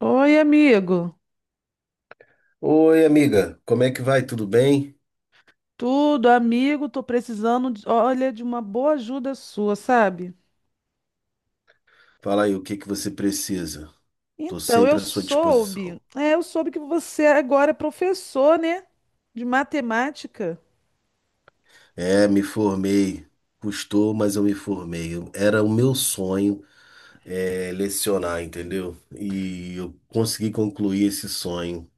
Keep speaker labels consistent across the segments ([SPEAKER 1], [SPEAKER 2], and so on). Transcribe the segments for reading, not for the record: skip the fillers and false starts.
[SPEAKER 1] Oi, amigo.
[SPEAKER 2] Oi, amiga, como é que vai? Tudo bem?
[SPEAKER 1] Tudo, amigo, tô precisando, olha, de uma boa ajuda sua, sabe?
[SPEAKER 2] Fala aí, o que que você precisa? Tô
[SPEAKER 1] Então, eu
[SPEAKER 2] sempre à sua
[SPEAKER 1] soube,
[SPEAKER 2] disposição.
[SPEAKER 1] é, eu soube que você agora é professor, né, de matemática.
[SPEAKER 2] É, me formei. Custou, mas eu me formei. Era o meu sonho, lecionar, entendeu? E eu consegui concluir esse sonho.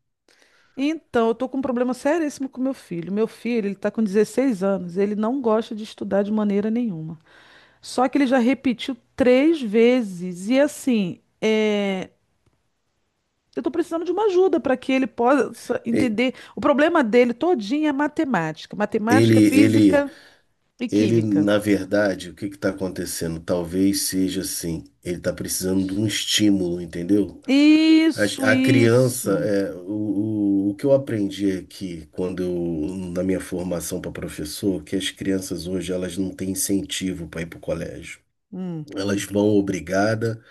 [SPEAKER 1] Então, eu tô com um problema seríssimo com meu filho. Meu filho, ele tá com 16 anos, ele não gosta de estudar de maneira nenhuma. Só que ele já repetiu três vezes, e assim, eu tô precisando de uma ajuda para que ele possa
[SPEAKER 2] E-
[SPEAKER 1] entender. O problema dele todinho é matemática,
[SPEAKER 2] Ele, ele,
[SPEAKER 1] física e
[SPEAKER 2] ele,
[SPEAKER 1] química.
[SPEAKER 2] na verdade, o que que tá acontecendo? Talvez seja assim. Ele tá precisando de um estímulo, entendeu?
[SPEAKER 1] Isso,
[SPEAKER 2] A criança,
[SPEAKER 1] isso.
[SPEAKER 2] o que eu aprendi aqui na minha formação para professor, que as crianças hoje elas não têm incentivo para ir para o colégio.
[SPEAKER 1] Hum.
[SPEAKER 2] Elas vão obrigada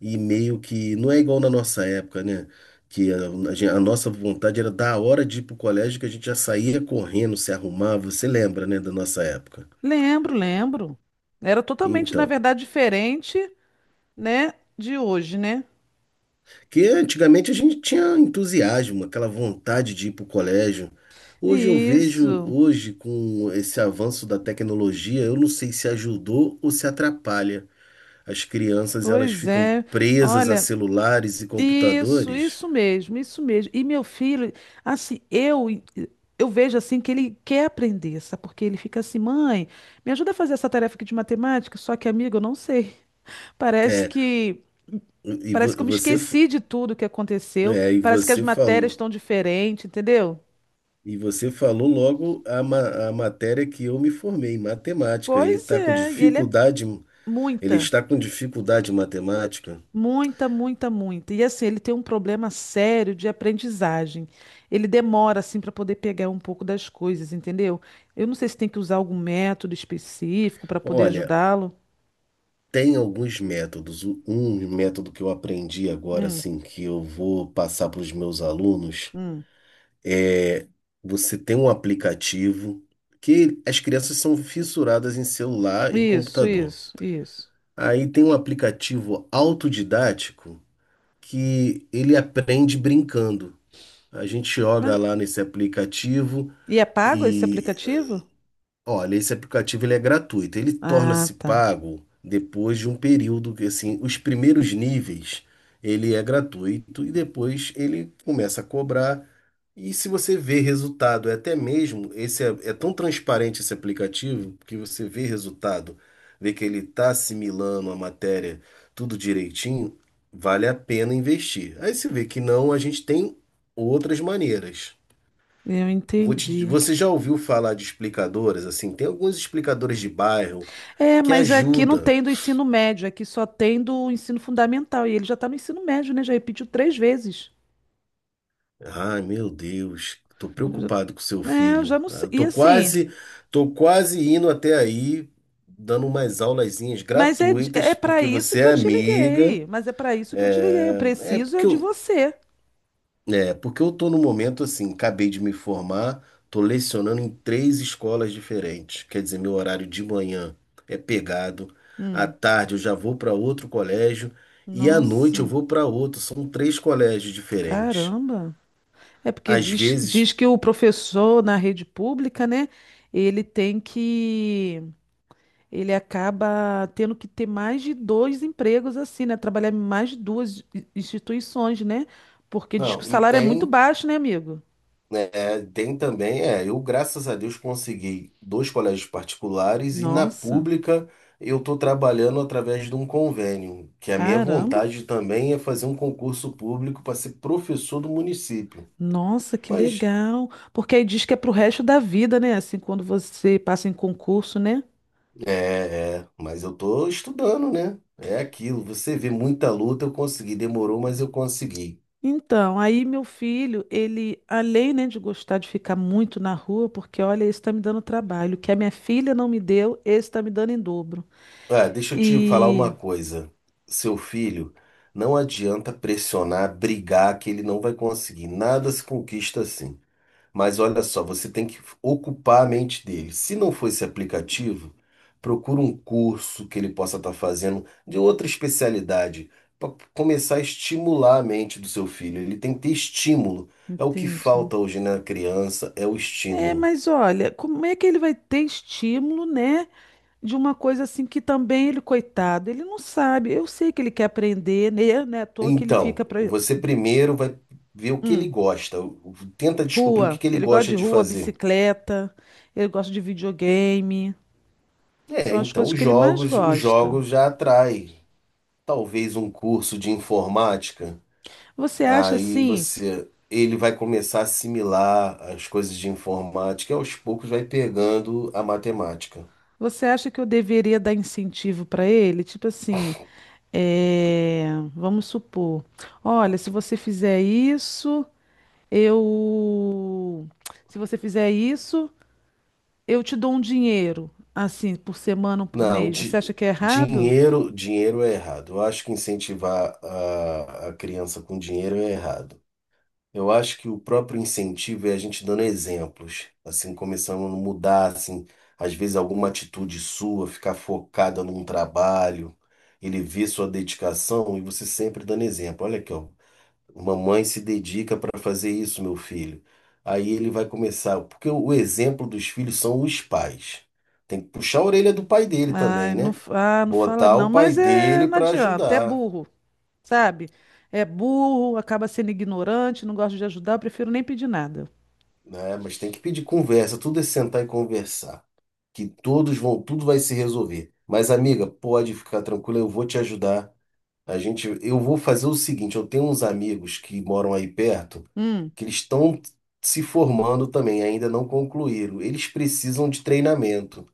[SPEAKER 2] e meio que não é igual na nossa época, né? Que a gen- A nossa vontade era da hora de ir para o colégio que a gente já saía correndo, se arrumava. Você lembra, né, da nossa época?
[SPEAKER 1] Lembro, lembro. Era totalmente, na
[SPEAKER 2] Então,
[SPEAKER 1] verdade, diferente, né, de hoje, né?
[SPEAKER 2] porque antigamente a gente tinha entusiasmo, aquela vontade de ir para o colégio. Hoje eu vejo,
[SPEAKER 1] Isso.
[SPEAKER 2] hoje com esse avanço da tecnologia, eu não sei se ajudou ou se atrapalha. As crianças, elas
[SPEAKER 1] Pois
[SPEAKER 2] ficam
[SPEAKER 1] é.
[SPEAKER 2] presas a
[SPEAKER 1] Olha,
[SPEAKER 2] celulares e
[SPEAKER 1] Isso,
[SPEAKER 2] computadores.
[SPEAKER 1] isso mesmo, isso mesmo. E meu filho, assim, eu vejo assim que ele quer aprender, sabe? Porque ele fica assim, mãe, me ajuda a fazer essa tarefa aqui de matemática, só que, amigo, eu não sei. Parece
[SPEAKER 2] É,
[SPEAKER 1] que
[SPEAKER 2] e
[SPEAKER 1] parece que eu
[SPEAKER 2] vo-
[SPEAKER 1] me
[SPEAKER 2] você, f-
[SPEAKER 1] esqueci de tudo que aconteceu,
[SPEAKER 2] e
[SPEAKER 1] parece que as
[SPEAKER 2] você
[SPEAKER 1] matérias
[SPEAKER 2] falou,
[SPEAKER 1] estão diferentes, entendeu?
[SPEAKER 2] e você falou logo a matéria que eu me formei, matemática. Ele
[SPEAKER 1] Pois
[SPEAKER 2] está com
[SPEAKER 1] é, e ele é
[SPEAKER 2] dificuldade, ele
[SPEAKER 1] muita.
[SPEAKER 2] está com dificuldade em matemática.
[SPEAKER 1] Muita, muita, muita. E assim, ele tem um problema sério de aprendizagem. Ele demora assim para poder pegar um pouco das coisas, entendeu? Eu não sei se tem que usar algum método específico para poder
[SPEAKER 2] Olha,
[SPEAKER 1] ajudá-lo.
[SPEAKER 2] tem alguns métodos. Um método que eu aprendi agora,
[SPEAKER 1] Hum,
[SPEAKER 2] assim, que eu vou passar para os meus alunos
[SPEAKER 1] hum.
[SPEAKER 2] é você tem um aplicativo, que as crianças são fissuradas em celular e
[SPEAKER 1] Isso,
[SPEAKER 2] computador.
[SPEAKER 1] isso, isso.
[SPEAKER 2] Aí tem um aplicativo autodidático que ele aprende brincando. A gente joga
[SPEAKER 1] Mas-
[SPEAKER 2] lá nesse aplicativo.
[SPEAKER 1] E é pago esse aplicativo?
[SPEAKER 2] Olha, esse aplicativo ele é gratuito. Ele
[SPEAKER 1] Ah,
[SPEAKER 2] torna-se
[SPEAKER 1] tá.
[SPEAKER 2] pago depois de um período, que assim, os primeiros níveis ele é gratuito e depois ele começa a cobrar. E se você vê resultado, é até mesmo esse é tão transparente esse aplicativo que você vê resultado, vê que ele está assimilando a matéria tudo direitinho, vale a pena investir. Aí se vê que não, a gente tem outras maneiras.
[SPEAKER 1] Eu entendi.
[SPEAKER 2] Você já ouviu falar de explicadoras? Assim, tem alguns explicadores de bairro
[SPEAKER 1] É,
[SPEAKER 2] que
[SPEAKER 1] mas aqui não
[SPEAKER 2] ajudam.
[SPEAKER 1] tem do ensino médio, aqui só tem do ensino fundamental. E ele já está no ensino médio, né? Já repetiu três vezes.
[SPEAKER 2] Ai, meu Deus, tô
[SPEAKER 1] Já-
[SPEAKER 2] preocupado com seu
[SPEAKER 1] É, eu já
[SPEAKER 2] filho.
[SPEAKER 1] não sei.
[SPEAKER 2] Ah,
[SPEAKER 1] E
[SPEAKER 2] tô
[SPEAKER 1] assim.
[SPEAKER 2] quase, tô quase indo até aí, dando umas aulazinhas
[SPEAKER 1] Mas é, é
[SPEAKER 2] gratuitas,
[SPEAKER 1] para
[SPEAKER 2] porque
[SPEAKER 1] isso
[SPEAKER 2] você
[SPEAKER 1] que eu
[SPEAKER 2] é
[SPEAKER 1] te
[SPEAKER 2] amiga.
[SPEAKER 1] liguei. Mas é para isso que eu te liguei. Eu
[SPEAKER 2] É, é
[SPEAKER 1] preciso é
[SPEAKER 2] porque
[SPEAKER 1] de
[SPEAKER 2] eu,
[SPEAKER 1] você.
[SPEAKER 2] É porque eu tô num momento assim, acabei de me formar, tô lecionando em três escolas diferentes. Quer dizer, meu horário de manhã é pegado, à
[SPEAKER 1] Hum,
[SPEAKER 2] tarde eu já vou para outro colégio e à noite eu
[SPEAKER 1] nossa,
[SPEAKER 2] vou para outro. São três colégios diferentes.
[SPEAKER 1] caramba. É porque
[SPEAKER 2] Às
[SPEAKER 1] diz,
[SPEAKER 2] vezes,
[SPEAKER 1] diz que o professor na rede pública, né? Ele tem que. Ele acaba tendo que ter mais de dois empregos, assim, né? Trabalhar em mais de duas instituições, né? Porque diz que o
[SPEAKER 2] não, e
[SPEAKER 1] salário é muito
[SPEAKER 2] tem
[SPEAKER 1] baixo, né, amigo?
[SPEAKER 2] Tem também, eu graças a Deus consegui dois colégios particulares, e na
[SPEAKER 1] Nossa,
[SPEAKER 2] pública eu estou trabalhando através de um convênio, que a minha
[SPEAKER 1] caramba.
[SPEAKER 2] vontade também é fazer um concurso público para ser professor do município.
[SPEAKER 1] Nossa, que
[SPEAKER 2] Mas
[SPEAKER 1] legal. Porque aí diz que é pro resto da vida, né? Assim, quando você passa em concurso, né?
[SPEAKER 2] mas eu estou estudando, né? É aquilo, você vê muita luta, eu consegui, demorou, mas eu consegui.
[SPEAKER 1] Então, aí meu filho, ele, além, né, de gostar de ficar muito na rua, porque olha, esse tá me dando trabalho. O que a minha filha não me deu, esse tá me dando em dobro.
[SPEAKER 2] Ah, deixa eu te falar
[SPEAKER 1] E.
[SPEAKER 2] uma coisa, seu filho. Não adianta pressionar, brigar, que ele não vai conseguir. Nada se conquista assim. Mas olha só, você tem que ocupar a mente dele. Se não for esse aplicativo, procura um curso que ele possa estar fazendo de outra especialidade, para começar a estimular a mente do seu filho. Ele tem que ter estímulo. É o que
[SPEAKER 1] Entendi.
[SPEAKER 2] falta hoje na criança, é o
[SPEAKER 1] É,
[SPEAKER 2] estímulo.
[SPEAKER 1] mas olha, como é que ele vai ter estímulo, né? De uma coisa assim que também ele, coitado, ele não sabe. Eu sei que ele quer aprender, né? Não é à toa que ele
[SPEAKER 2] Então,
[SPEAKER 1] fica pra,
[SPEAKER 2] você primeiro vai ver o que ele gosta, tenta descobrir o que
[SPEAKER 1] rua.
[SPEAKER 2] que ele
[SPEAKER 1] Ele gosta de
[SPEAKER 2] gosta de
[SPEAKER 1] rua,
[SPEAKER 2] fazer.
[SPEAKER 1] bicicleta, ele gosta de videogame. São
[SPEAKER 2] É,
[SPEAKER 1] as
[SPEAKER 2] então
[SPEAKER 1] coisas que ele mais
[SPEAKER 2] os
[SPEAKER 1] gosta.
[SPEAKER 2] jogos já atrai. Talvez um curso de informática.
[SPEAKER 1] Você acha assim?
[SPEAKER 2] Ele vai começar a assimilar as coisas de informática e aos poucos vai pegando a matemática.
[SPEAKER 1] Você acha que eu deveria dar incentivo para ele? Tipo assim, vamos supor, olha, se você fizer isso, eu, se você fizer isso, eu te dou um dinheiro, assim, por semana ou por
[SPEAKER 2] Não,
[SPEAKER 1] mês. Você
[SPEAKER 2] di-
[SPEAKER 1] acha que é errado?
[SPEAKER 2] Dinheiro é errado. Eu acho que incentivar a criança com dinheiro é errado. Eu acho que o próprio incentivo é a gente dando exemplos, assim, começando a mudar, assim, às vezes alguma atitude sua, ficar focada num trabalho, ele vê sua dedicação e você sempre dando exemplo. Olha aqui, ó. Uma mãe se dedica para fazer isso, meu filho. Aí ele vai começar, porque o exemplo dos filhos são os pais. Tem que puxar a orelha do pai dele
[SPEAKER 1] Ai,
[SPEAKER 2] também,
[SPEAKER 1] não,
[SPEAKER 2] né?
[SPEAKER 1] não fala
[SPEAKER 2] Botar
[SPEAKER 1] não,
[SPEAKER 2] o pai
[SPEAKER 1] mas é,
[SPEAKER 2] dele
[SPEAKER 1] não
[SPEAKER 2] para
[SPEAKER 1] adianta, é
[SPEAKER 2] ajudar,
[SPEAKER 1] burro. Sabe? É burro, acaba sendo ignorante, não gosta de ajudar, eu prefiro nem pedir nada.
[SPEAKER 2] né? Mas tem que pedir conversa, tudo é sentar e conversar, que todos vão, tudo vai se resolver. Mas amiga, pode ficar tranquila, eu vou te ajudar. Eu vou fazer o seguinte, eu tenho uns amigos que moram aí perto,
[SPEAKER 1] Hum.
[SPEAKER 2] que eles estão se formando também, ainda não concluíram. Eles precisam de treinamento.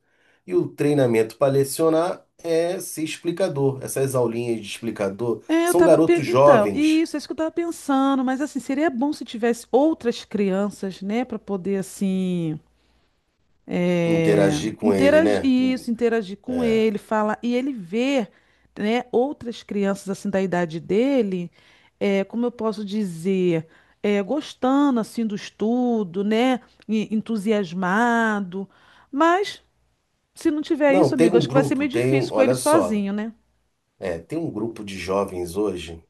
[SPEAKER 2] E o treinamento para lecionar é ser explicador. Essas aulinhas de explicador
[SPEAKER 1] É,
[SPEAKER 2] são garotos
[SPEAKER 1] então,
[SPEAKER 2] jovens.
[SPEAKER 1] isso, é isso que eu tava pensando, mas assim, seria bom se tivesse outras crianças, né, pra poder, assim, é,
[SPEAKER 2] Interagir com ele,
[SPEAKER 1] interagir,
[SPEAKER 2] né?
[SPEAKER 1] isso, interagir com
[SPEAKER 2] É.
[SPEAKER 1] ele, falar, e ele ver, né, outras crianças, assim, da idade dele, como eu posso dizer, gostando, assim, do estudo, né, e entusiasmado, mas. Se não tiver
[SPEAKER 2] Não,
[SPEAKER 1] isso,
[SPEAKER 2] tem
[SPEAKER 1] amigo,
[SPEAKER 2] um
[SPEAKER 1] acho que vai ser
[SPEAKER 2] grupo,
[SPEAKER 1] meio
[SPEAKER 2] tem um,
[SPEAKER 1] difícil com ele
[SPEAKER 2] olha só,
[SPEAKER 1] sozinho, né?
[SPEAKER 2] tem um grupo de jovens hoje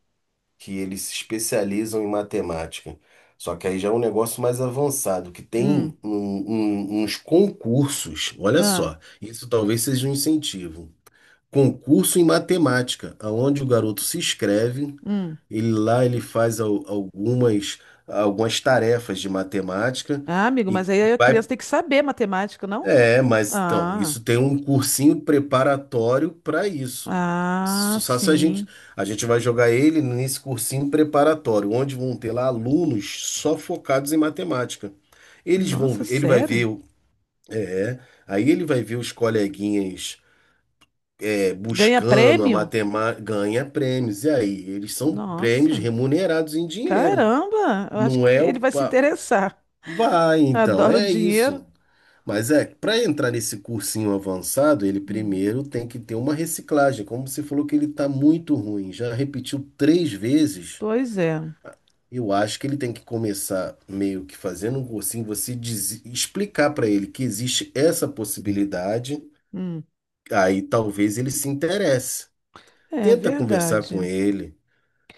[SPEAKER 2] que eles se especializam em matemática. Só que aí já é um negócio mais avançado, que
[SPEAKER 1] Hum.
[SPEAKER 2] tem uns concursos, olha
[SPEAKER 1] Ah,
[SPEAKER 2] só, isso talvez seja um incentivo. Concurso em matemática, aonde o garoto se inscreve,
[SPEAKER 1] hum.
[SPEAKER 2] ele faz algumas, algumas tarefas de matemática
[SPEAKER 1] Ah, amigo,
[SPEAKER 2] e
[SPEAKER 1] mas aí a
[SPEAKER 2] vai
[SPEAKER 1] criança tem que saber matemática, não?
[SPEAKER 2] mas então,
[SPEAKER 1] Ah,
[SPEAKER 2] isso tem um cursinho preparatório para isso.
[SPEAKER 1] ah,
[SPEAKER 2] Só se a gente,
[SPEAKER 1] sim.
[SPEAKER 2] a gente vai jogar ele nesse cursinho preparatório, onde vão ter lá alunos só focados em matemática.
[SPEAKER 1] Nossa,
[SPEAKER 2] Ele vai ver,
[SPEAKER 1] sério?
[SPEAKER 2] o- é, aí ele vai ver os coleguinhas,
[SPEAKER 1] Ganha
[SPEAKER 2] buscando a
[SPEAKER 1] prêmio?
[SPEAKER 2] matemática, ganha prêmios. E aí, eles são prêmios
[SPEAKER 1] Nossa,
[SPEAKER 2] remunerados em dinheiro.
[SPEAKER 1] caramba! Eu acho
[SPEAKER 2] Não
[SPEAKER 1] que
[SPEAKER 2] é o
[SPEAKER 1] ele vai se
[SPEAKER 2] pa...
[SPEAKER 1] interessar.
[SPEAKER 2] Vai, então,
[SPEAKER 1] Adoro
[SPEAKER 2] é
[SPEAKER 1] dinheiro.
[SPEAKER 2] isso. Mas é, para entrar nesse cursinho avançado, ele
[SPEAKER 1] Hum,
[SPEAKER 2] primeiro tem que ter uma reciclagem. Como você falou que ele está muito ruim, já repetiu três vezes,
[SPEAKER 1] pois é.
[SPEAKER 2] eu acho que ele tem que começar meio que fazendo um cursinho, explicar para ele que existe essa possibilidade,
[SPEAKER 1] Hum,
[SPEAKER 2] aí talvez ele se interesse.
[SPEAKER 1] é
[SPEAKER 2] Tenta conversar com
[SPEAKER 1] verdade.
[SPEAKER 2] ele.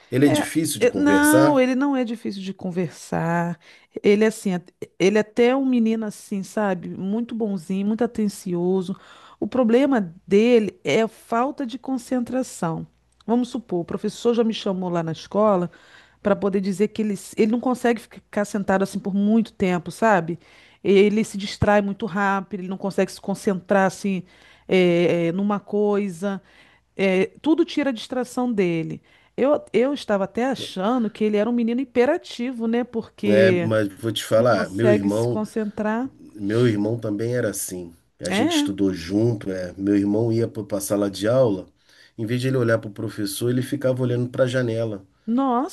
[SPEAKER 2] Ele é
[SPEAKER 1] É,
[SPEAKER 2] difícil de
[SPEAKER 1] não,
[SPEAKER 2] conversar,
[SPEAKER 1] ele não é difícil de conversar. Ele é assim, ele é até um menino assim, sabe? Muito bonzinho, muito atencioso. O problema dele é a falta de concentração. Vamos supor, o professor já me chamou lá na escola para poder dizer que ele, ele não consegue ficar sentado assim por muito tempo, sabe? Ele se distrai muito rápido, ele não consegue se concentrar assim, numa coisa. É, tudo tira a distração dele. Eu estava até achando que ele era um menino hiperativo, né?
[SPEAKER 2] né,
[SPEAKER 1] Porque
[SPEAKER 2] mas vou te
[SPEAKER 1] não
[SPEAKER 2] falar, meu
[SPEAKER 1] consegue se
[SPEAKER 2] irmão.
[SPEAKER 1] concentrar.
[SPEAKER 2] Meu irmão também era assim. A gente
[SPEAKER 1] É,
[SPEAKER 2] estudou junto, é. Meu irmão ia para a sala de aula, em vez de ele olhar para o professor, ele ficava olhando para a janela.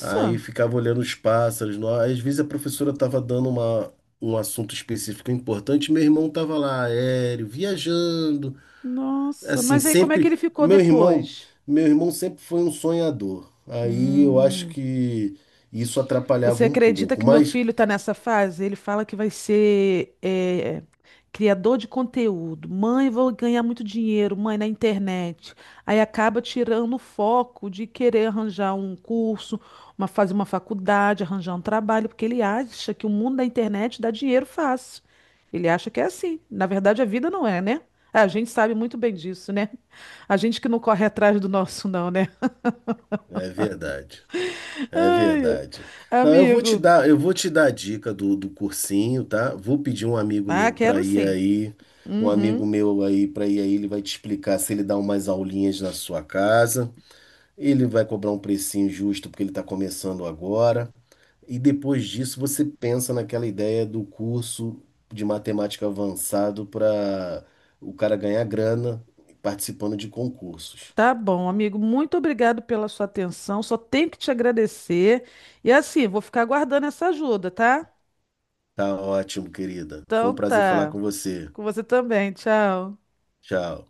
[SPEAKER 2] Aí ficava olhando os pássaros. No Às vezes a professora estava dando um assunto específico importante, meu irmão estava lá, aéreo, viajando.
[SPEAKER 1] nossa.
[SPEAKER 2] Assim,
[SPEAKER 1] Mas aí como é que
[SPEAKER 2] sempre.
[SPEAKER 1] ele ficou
[SPEAKER 2] Meu irmão,
[SPEAKER 1] depois?
[SPEAKER 2] meu irmão sempre foi um sonhador. Aí eu acho
[SPEAKER 1] Hum.
[SPEAKER 2] que isso atrapalhava
[SPEAKER 1] Você
[SPEAKER 2] um
[SPEAKER 1] acredita
[SPEAKER 2] pouco,
[SPEAKER 1] que meu
[SPEAKER 2] mas
[SPEAKER 1] filho está nessa fase? Ele fala que vai ser criador de conteúdo. Mãe, vou ganhar muito dinheiro, mãe, na internet. Aí acaba tirando o foco de querer arranjar um curso, uma, fazer uma faculdade, arranjar um trabalho, porque ele acha que o mundo da internet dá dinheiro fácil. Ele acha que é assim. Na verdade, a vida não é, né? Ah, a gente sabe muito bem disso, né? A gente que não corre atrás do nosso, não, né?
[SPEAKER 2] é verdade. É
[SPEAKER 1] Ai, ai,
[SPEAKER 2] verdade. Não, eu vou te
[SPEAKER 1] amigo.
[SPEAKER 2] dar, eu vou te dar a dica do cursinho, tá? Vou pedir um amigo
[SPEAKER 1] Ah,
[SPEAKER 2] meu para
[SPEAKER 1] quero
[SPEAKER 2] ir
[SPEAKER 1] sim.
[SPEAKER 2] aí, um amigo meu aí para ir aí, ele vai te explicar se ele dá umas aulinhas na sua casa. Ele vai cobrar um precinho justo porque ele está começando agora. E depois disso você pensa naquela ideia do curso de matemática avançado para o cara ganhar grana participando de concursos.
[SPEAKER 1] Tá bom, amigo. Muito obrigado pela sua atenção. Só tenho que te agradecer. E assim, vou ficar aguardando essa ajuda, tá?
[SPEAKER 2] Tá ótimo, querida. Foi um
[SPEAKER 1] Então
[SPEAKER 2] prazer falar
[SPEAKER 1] tá.
[SPEAKER 2] com você.
[SPEAKER 1] Com você também. Tchau.
[SPEAKER 2] Tchau.